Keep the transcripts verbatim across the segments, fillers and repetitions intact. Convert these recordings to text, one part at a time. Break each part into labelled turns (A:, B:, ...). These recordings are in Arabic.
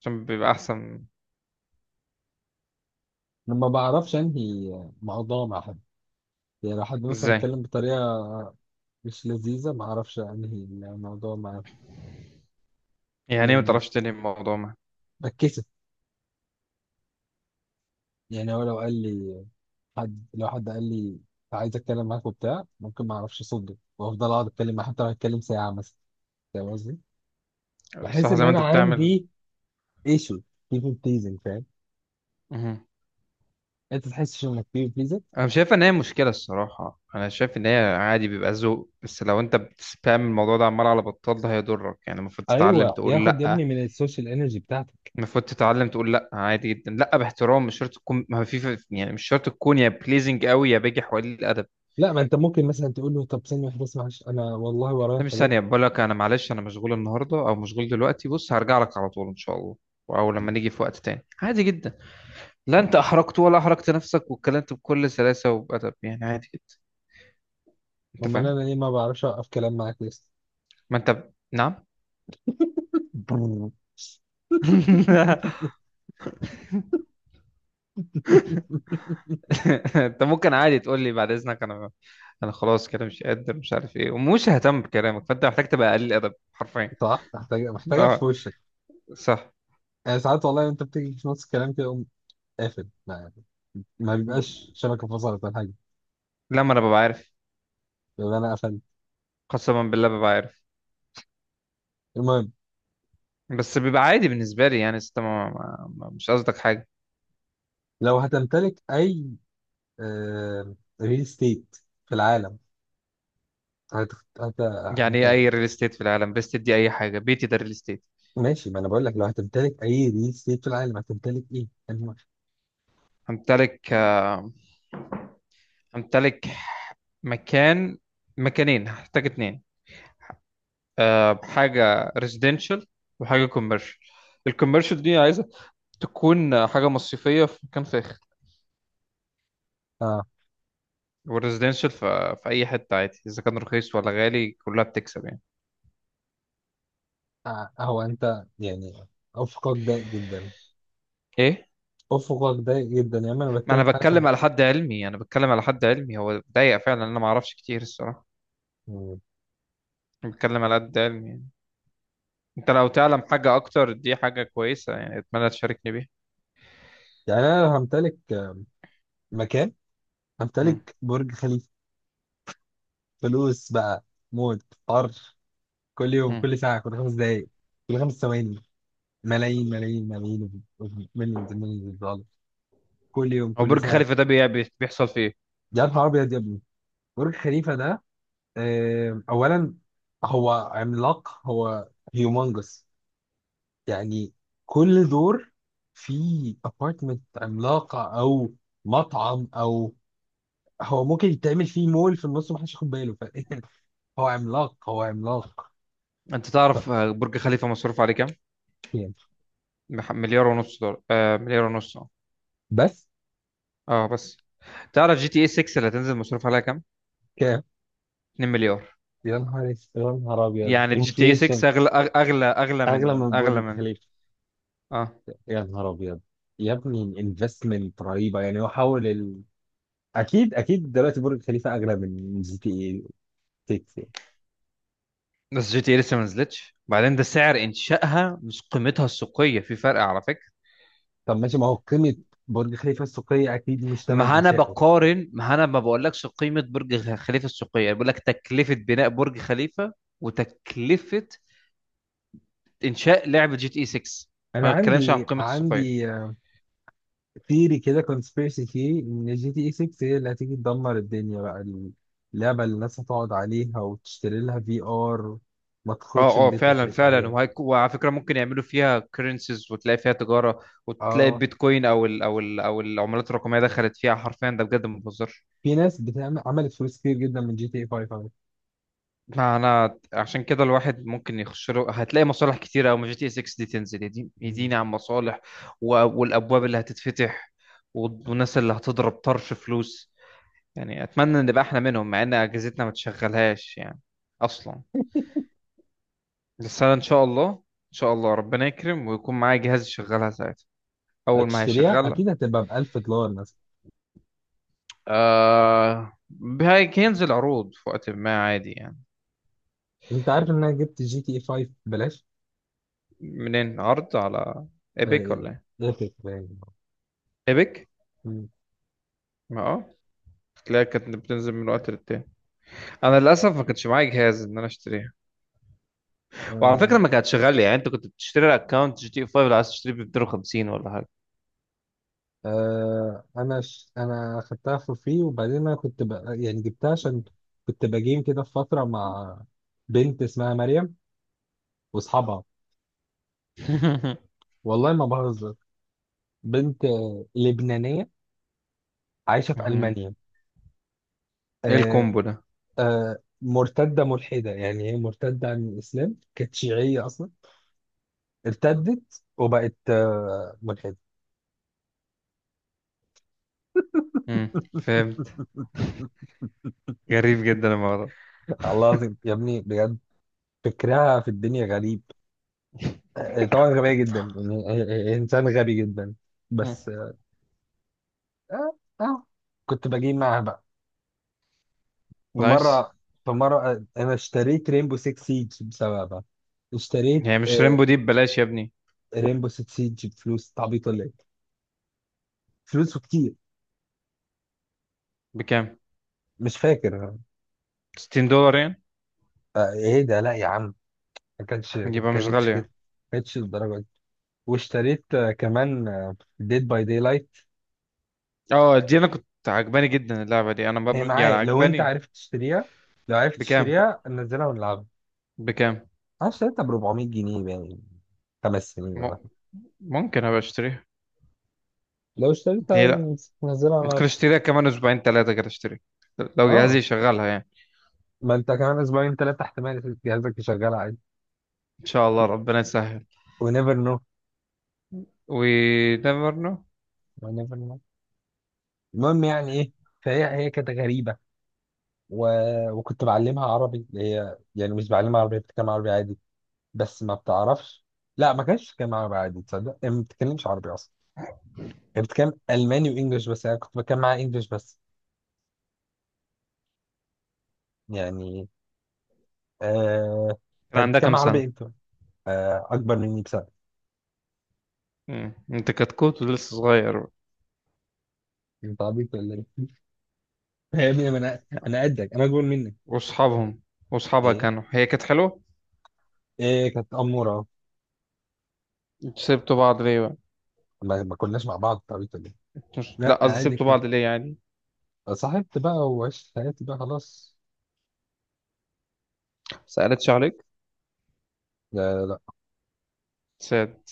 A: عشان بيبقى احسن
B: لما بعرفش انهي موضوع مع حد. يعني لو حد مثلا
A: ازاي؟
B: اتكلم بطريقه مش لذيذه، ما اعرفش انهي الموضوع مع،
A: يعني ايه ما
B: يعني
A: تعرفش تنهي الموضوع؟ ما
B: بتكسف. يعني هو لو قال لي حد لو حد قال لي عايز اتكلم معاك وبتاع، ممكن ما اعرفش اصدق وافضل اقعد اتكلم معاه حتى لو هتكلم ساعه مثلا. فاهم قصدي؟ بحس
A: صح
B: ان
A: زي ما
B: انا
A: انت بتعمل.
B: عندي ايشو، بيبل بليزنج، فاهم؟
A: مهم.
B: انت تحسش انك بيبل بليزنج؟
A: انا مش شايف ان هي مشكله الصراحه، انا شايف ان هي عادي بيبقى ذوق، بس لو انت بتسبام الموضوع ده عمال على بطال ده هيضرك، يعني المفروض تتعلم
B: ايوه،
A: تقول
B: بياخد يا ابني
A: لا.
B: من السوشيال انرجي بتاعتك.
A: المفروض تتعلم تقول لا عادي جدا، لا باحترام، مش شرط تكون ما في، يعني مش شرط تكون يا بليزنج قوي يا باجي حوالي الادب.
B: لا، ما انت ممكن مثلا تقول له طب ثانيه واحده بس، معلش انا والله
A: ده
B: ورايا
A: مش
B: حاجات.
A: ثانيه، بقول لك انا معلش انا مشغول النهارده او مشغول دلوقتي، بص هرجع لك على طول ان شاء الله، او لما نيجي في وقت تاني، عادي جدا. لا انت احرجت ولا احرجت نفسك، واتكلمت بكل سلاسة وبأدب يعني، عادي جدا. انت
B: امال
A: فاهم؟
B: انا ليه ما بعرفش اوقف كلام معاك لسه؟
A: ما انت نعم.
B: بررر.
A: انت ممكن عادي تقول لي بعد اذنك، انا انا خلاص كده مش قادر، مش عارف ايه، ومش ههتم بكلامك، فانت محتاج تبقى قليل ادب حرفيا.
B: صح، محتاجه محتاجه في
A: اه،
B: وشك.
A: صح.
B: يعني ساعات والله انت بتيجي في نص الكلام كده اقوم قافل. ما ما بيبقاش شبكه فصلت ولا حاجه،
A: لما انا ببقى عارف،
B: بيبقى انا قفلت.
A: قسما بالله ببقى عارف.
B: المهم،
A: بس بيبقى عادي بالنسبه لي، يعني ست- ما ما ما- مش قصدك حاجه.
B: لو هتمتلك اي ريل استيت في العالم هت... هت...
A: يعني
B: هت...
A: ايه اي ريل استيت في العالم؟ ريل استيت دي اي حاجه، بيتي ده ريل استيت.
B: ماشي، ما انا بقول لك لو هتمتلك اي ريل استيت في العالم هتمتلك ايه؟ الم-
A: همتلك امتلك مكان، مكانين، هحتاج اتنين. أه، حاجة ريزيدنشال وحاجة كوميرشال. الكوميرشال دي عايزة تكون حاجة مصيفية في مكان فاخر.
B: آه.
A: والريزيدنشال في, في أي حتة عادي، إذا كان رخيص ولا غالي كلها بتكسب يعني.
B: آه. هو انت يعني افقك ضيق جدا.
A: إيه؟
B: افقك ضيق جدا، يا اما انا
A: ما
B: بتكلم
A: أنا
B: في حاجه
A: بتكلم على
B: تانية.
A: حد علمي أنا بتكلم على حد علمي، هو ضيق فعلا، أنا ما أعرفش كتير الصراحة. أنا بتكلم على قد علمي يعني. أنت لو تعلم حاجة أكتر دي حاجة كويسة، يعني أتمنى تشاركني بيها.
B: يعني انا لو همتلك مكان،
A: مم.
B: امتلك برج خليفه. فلوس بقى، موت طرش، كل يوم،
A: مم.
B: كل ساعه، كل خمس دقائق، كل خمس ثواني. ملايين ملايين ملايين، مليون مليون دولار، كل يوم
A: هو
B: كل
A: برج
B: ساعه.
A: خليفة ده بي- بي- بيحصل فيه إيه؟
B: يا نهار ابيض يا ابني، برج خليفه ده، آه، اولا، هو عملاق. هو هيومنجس يعني. كل دور فيه ابارتمنت عملاقه، او مطعم، او هو ممكن يتعمل فيه مول في النص ومحدش ياخد باله. ف- هو عملاق، هو عملاق.
A: انت تعرف آه، برج خليفة مصروف عليه كام؟
B: حرفيا.
A: مح- مليار ونص دولار. آه مليار ونص. اه،
B: بس.
A: اه بس. تعرف جي تي اي ستة اللي هتنزل مصروف عليها كام؟
B: كام؟
A: اتنين مليار.
B: يا نهار اس- يا نهار ابيض،
A: يعني جي تي اي
B: انفليشن!
A: ستة اغلى، أغ- اغلى اغلى
B: اغلى
A: من
B: من
A: اغلى
B: برج
A: من.
B: خليفه!
A: اه.
B: يا نهار ابيض يا ابني، انفستمنت رهيبه، يعني هو حاول ال... اكيد اكيد دلوقتي برج خليفه اغلى من جي تي اي ستة يعني.
A: بس جي تي اي لسه ما نزلتش، بعدين ده سعر انشائها مش قيمتها السوقية، في فرق على فكرة.
B: طب ماشي، ما هو قيمه برج خليفه السوقيه اكيد مش ثمن
A: ما انا
B: انشائه.
A: بقارن، ما انا ما بقولكش قيمة برج خ- خليفة السوقية، بقول لك تكلفة بناء برج خليفة وتكلفة انشاء لعبة جي تي اي ستة.
B: انا
A: ما بتكلمش عن
B: عندي
A: قيمة السوقية.
B: عندي ثيري كده، كونسبيرسي ثيري، ان جي تي اي ستة هي اللي هتيجي تدمر الدنيا بقى. اللعبه اللي الناس هتقعد عليها وتشتري لها في ار، ما تخرجش من
A: اه اه،
B: بيتها،
A: فعلا
B: تعيش
A: فعلا.
B: عليها.
A: وهيك وعلى فكره ممكن يعملوا فيها كرنسيز، وتلاقي فيها تجاره، وتلاقي
B: اه.
A: البيتكوين او ال او ال او العملات الرقميه دخلت فيها حرفيا. ده بجد، ما بهزرش.
B: في ناس بتعمل، عملت فلوس كتير جدا من جي تي اي خمسة على فكرة.
A: ما انا عشان كده الواحد ممكن يخش له، هتلاقي مصالح كتيره قوي ما جي تي اس ستة دي تنزل، يديني
B: مم.
A: يديني عن مصالح و- والابواب اللي هتتفتح، والناس اللي هتضرب طرش فلوس. يعني اتمنى ان نبقى احنا منهم، مع ان اجهزتنا ما تشغلهاش يعني اصلا. بس انا ان شاء الله ان شاء الله ربنا يكرم ويكون معايا جهاز يشغلها ساعتها، اول ما
B: هتشتريها
A: هيشغلها.
B: اكيد، هتبقى ب الف دولار مثلا.
A: آه. هي- هينزل عروض في وقت ما عادي يعني.
B: انت عارف ان انا جبت جي تي اي خمسة ببلاش؟
A: منين؟ عرض على
B: آه،
A: ايبك ولا ايه؟
B: ايه باين.
A: ايبك.
B: مم.
A: ما اه، تلاقي كانت بتنزل من وقت للتاني، انا للاسف ما كانش معايا جهاز ان انا اشتريها. وعلى فكره
B: آه،
A: ما كانتش غاليه يعني، انت كنت بتشتري اكونت جي تي خمسة لو عايز تشتريه ب ميتين وخمسين ولا حاجه.
B: آه، انا ش... انا خدتها فور فري. وبعدين انا كنت ب... يعني جبتها عشان كنت بجيم كده في فتره مع بنت اسمها مريم واصحابها. والله ما بهزر. بنت آه، لبنانيه، عايشه في
A: مهم.
B: المانيا.
A: ايه
B: آه،
A: الكومبو ده؟
B: آه، مرتدة ملحدة. يعني هي مرتدة عن الإسلام، كانت شيعية أصلا، ارتدت وبقت آه، ملحدة.
A: مم. فهمت. غريب جدا الموضوع ده.
B: الله العظيم يا ابني، بجد فكرها في الدنيا غريب. آه، آه، طبعا غبية جدا، يعني هي- هي هي إنسان غبي جدا.
A: مم.
B: بس آه آه آه، كنت بجيب معاها بقى. في
A: نايس.
B: مرة في مرة آه، أنا اشتريت رينبو ستة سيج بسببها. اشتريت
A: يعني مش ريمبو
B: آه
A: دي ببلاش يا ابني؟
B: رينبو ستة سيج بفلوس. تعبيطة ليه فلوس كتير؟
A: بكام؟
B: مش فاكر.
A: ستين دولار يعني؟
B: آه، ايه ده؟ لا يا عم، ما كانتش ما
A: يبقى مش
B: كانتش كده،
A: غالية.
B: ما كانتش للدرجه دي. واشتريت آه، كمان ديد باي داي لايت.
A: اه دي انا كنت عجباني جدا اللعبه دي، انا
B: هي
A: ب... يعني
B: معايا لو انت
A: عجباني.
B: عارف تشتريها. لو عرفت
A: بكام؟
B: تشتريها ننزلها ونلعبها.
A: بكام؟
B: انا اشتريتها ب اربعمية جنيه يعني، خمس سنين ولا
A: م...
B: حاجة.
A: ممكن ابقى اشتريها.
B: لو اشتريتها
A: ليه لا؟
B: ننزلها على.
A: ممكن اشتريها كمان اسبوعين ثلاثه كده اشتري، لو جهازي
B: اه،
A: يشغلها يعني.
B: ما انت كمان اسبوعين ثلاثه احتمال جهازك يشغل عادي.
A: ان شاء الله ربنا يسهل.
B: و never know.
A: و never know.
B: و never know. المهم يعني ايه. فهي، هي كانت غريبه، و... وكنت بعلمها عربي. اللي هي يعني مش بعلمها عربي، بتتكلم عربي عادي بس ما بتعرفش. لا، ما كانش بتتكلم عربي عادي، تصدق؟ يعني ما بتتكلمش عربي اصلا. كانت بتتكلم الماني وانجلش، بس انا كنت بتكلم معاها انجلش بس، يعني. آه
A: كان
B: كانت
A: عندها
B: بتتكلم
A: كام
B: عربي
A: سنه؟
B: انت؟ آه، اكبر مني بسنه.
A: مم. انت كتكوت ولسه صغير.
B: انت عبيط ولا ايه؟ يا ابني، ما انا، انا قدك، انا اكبر منك.
A: واصحابهم واصحابها
B: ايه؟
A: كانوا، هي كانت حلوه.
B: ايه كانت اموره؟
A: انتوا سبتوا بعض ليه بقى؟
B: ما, ما كناش مع بعض، انت عبيط ولا ايه؟
A: مش... لا
B: لا،
A: قصدي
B: عادي
A: سبتوا
B: كده،
A: بعض ليه يعني؟
B: صاحبت بقى وعشت حياتي بقى خلاص.
A: سألتش عليك؟
B: لا لا لا.
A: ساد.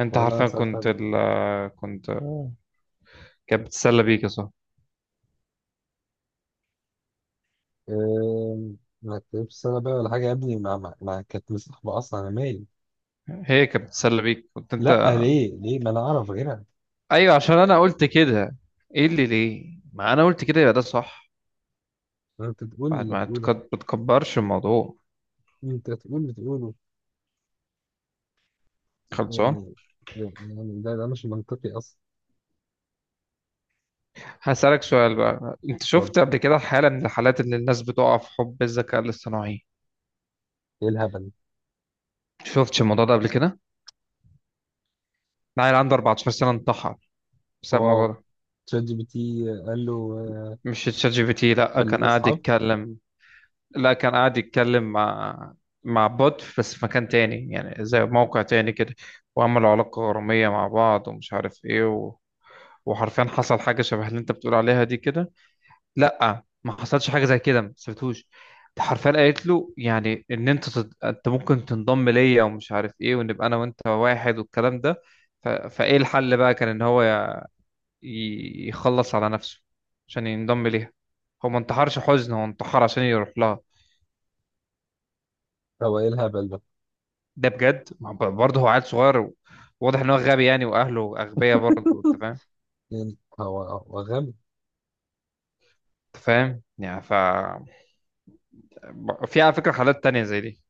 A: انت
B: ولا انا
A: حرفيا
B: سالت
A: كنت
B: عليك.
A: ال... كنت كانت بتتسلى بيك يا صاحبي.
B: آه، ما كتبتش سنه بقى ولا حاجه يا ابني، ما, ما, ما كانت مصاحبه اصلا، انا مالي.
A: هي كانت بتتسلى بيك، كنت انت.
B: لا، ليه ليه ما انا اعرف غيرها.
A: ايوه عشان انا قلت كده. ايه اللي ليه؟ ما انا قلت كده يبقى ده صح.
B: ما انت تقول
A: بعد
B: اللي
A: ما تك-
B: تقوله.
A: بتكبرش الموضوع،
B: انت تقول اللي تقوله
A: خلصان.
B: يعني. يعني ده ده مش منطقي اصلا.
A: هسألك سؤال بقى، انت
B: طب،
A: شفت قبل كده حالة من الحالات اللي الناس بتقع في حب الذكاء الاصطناعي؟
B: ايه الهبل؟
A: شفتش الموضوع ده قبل كده؟ عيل عنده اربعتاشر سنة انتحر بسبب
B: واو.
A: الموضوع ده.
B: تشات جي بي تي قال له آه،
A: مش تشات جي بي تي، لا كان
B: خلينا
A: قاعد
B: اصحاب.
A: يتكلم. لا كان قاعد يتكلم مع، مع بوت بس في مكان تاني، يعني زي موقع تاني كده. وعملوا علاقة غرامية مع بعض ومش عارف ايه، و... وحرفيا حصل حاجة شبه اللي انت بتقول عليها دي كده. لا ما حصلش حاجة زي كده، ما سبتهوش. حرفيا قالت له يعني ان انت تد... انت ممكن تنضم ليا ومش عارف ايه، ونبقى انا وانت واحد والكلام ده. ف... فايه الحل بقى كان ان هو ي... ي- يخلص على نفسه عشان ينضم ليها. هو ما انتحرش حزن، هو انتحر عشان يروح لها.
B: هو ايه الهبل ده؟
A: ده بجد، ما هو برضه هو عيل صغير، واضح ان هو غبي يعني، واهله اغبياء برضه، انت فاهم.
B: يعني هو، هو غبي.
A: انت فاهم يعني. ف في على فكره حالات تانية زي دي،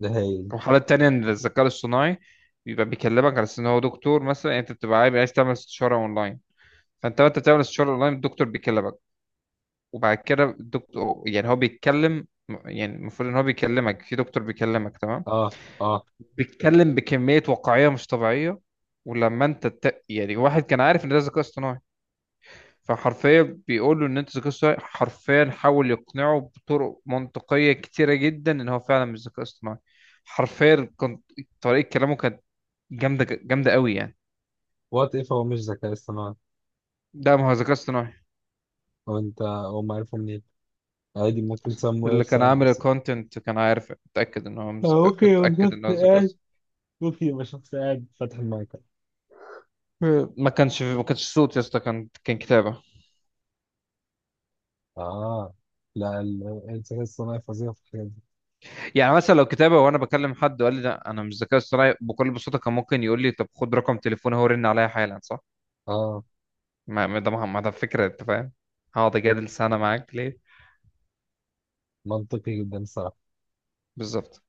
B: ده هايل.
A: وحالات تانية ان الذكاء الاصطناعي بيبقى بيكلمك على أساس ان هو دكتور مثلا، يعني انت بتبقى عايز عايز تعمل استشاره اونلاين. فانت وانت بتعمل استشاره اونلاين الدكتور بيكلمك، وبعد كده الدكتور يعني هو بيتكلم، يعني المفروض ان هو بيكلمك في دكتور بيكلمك تمام.
B: اه اه.
A: بيتكلم بكميه واقعيه مش طبيعيه. ولما انت ت... يعني واحد كان عارف ان ده ذكاء اصطناعي، فحرفيا بيقول له ان انت ذكاء اصطناعي، حرفيا حاول يقنعه بطرق منطقيه كتيره جدا ان هو فعلا مش ذكاء اصطناعي. حرفيا كان طريقه كلامه كانت جامده، جامده قوي يعني.
B: وات اف، هو مش ذكاء اصطناعي؟
A: ده ما هو ذكاء اصطناعي.
B: هو انت، هو ما عارفه منين؟ عادي ممكن سموير
A: اللي كان
B: سم.
A: عامل الكونتنت كان عارف، اتاكد ان هو مش
B: آه،
A: ذكاء
B: اوكي يبقى
A: اتاكد
B: شخص
A: ان هو ذكاء
B: قاعد.
A: اصطناعي.
B: اوكي يبقى شخص قاعد فاتح المايك.
A: ما كانش ما كانش صوت يا اسطى، كان كان كتابه.
B: اه. لا، ال- الذكاء الصناعي فظيع في الحاجات دي.
A: يعني مثلا لو كتابه وانا بكلم حد وقال لي لا انا مش ذكاء اصطناعي، بكل بساطه كان ممكن يقول لي طب خد رقم تليفوني، هو رن عليا حالا صح؟
B: اه،
A: ما ما ده ما ما ده فكرة انت فاهم، هقعد اجادل سنة معاك ليه؟
B: منطقي جدا الصراحة.
A: بالظبط.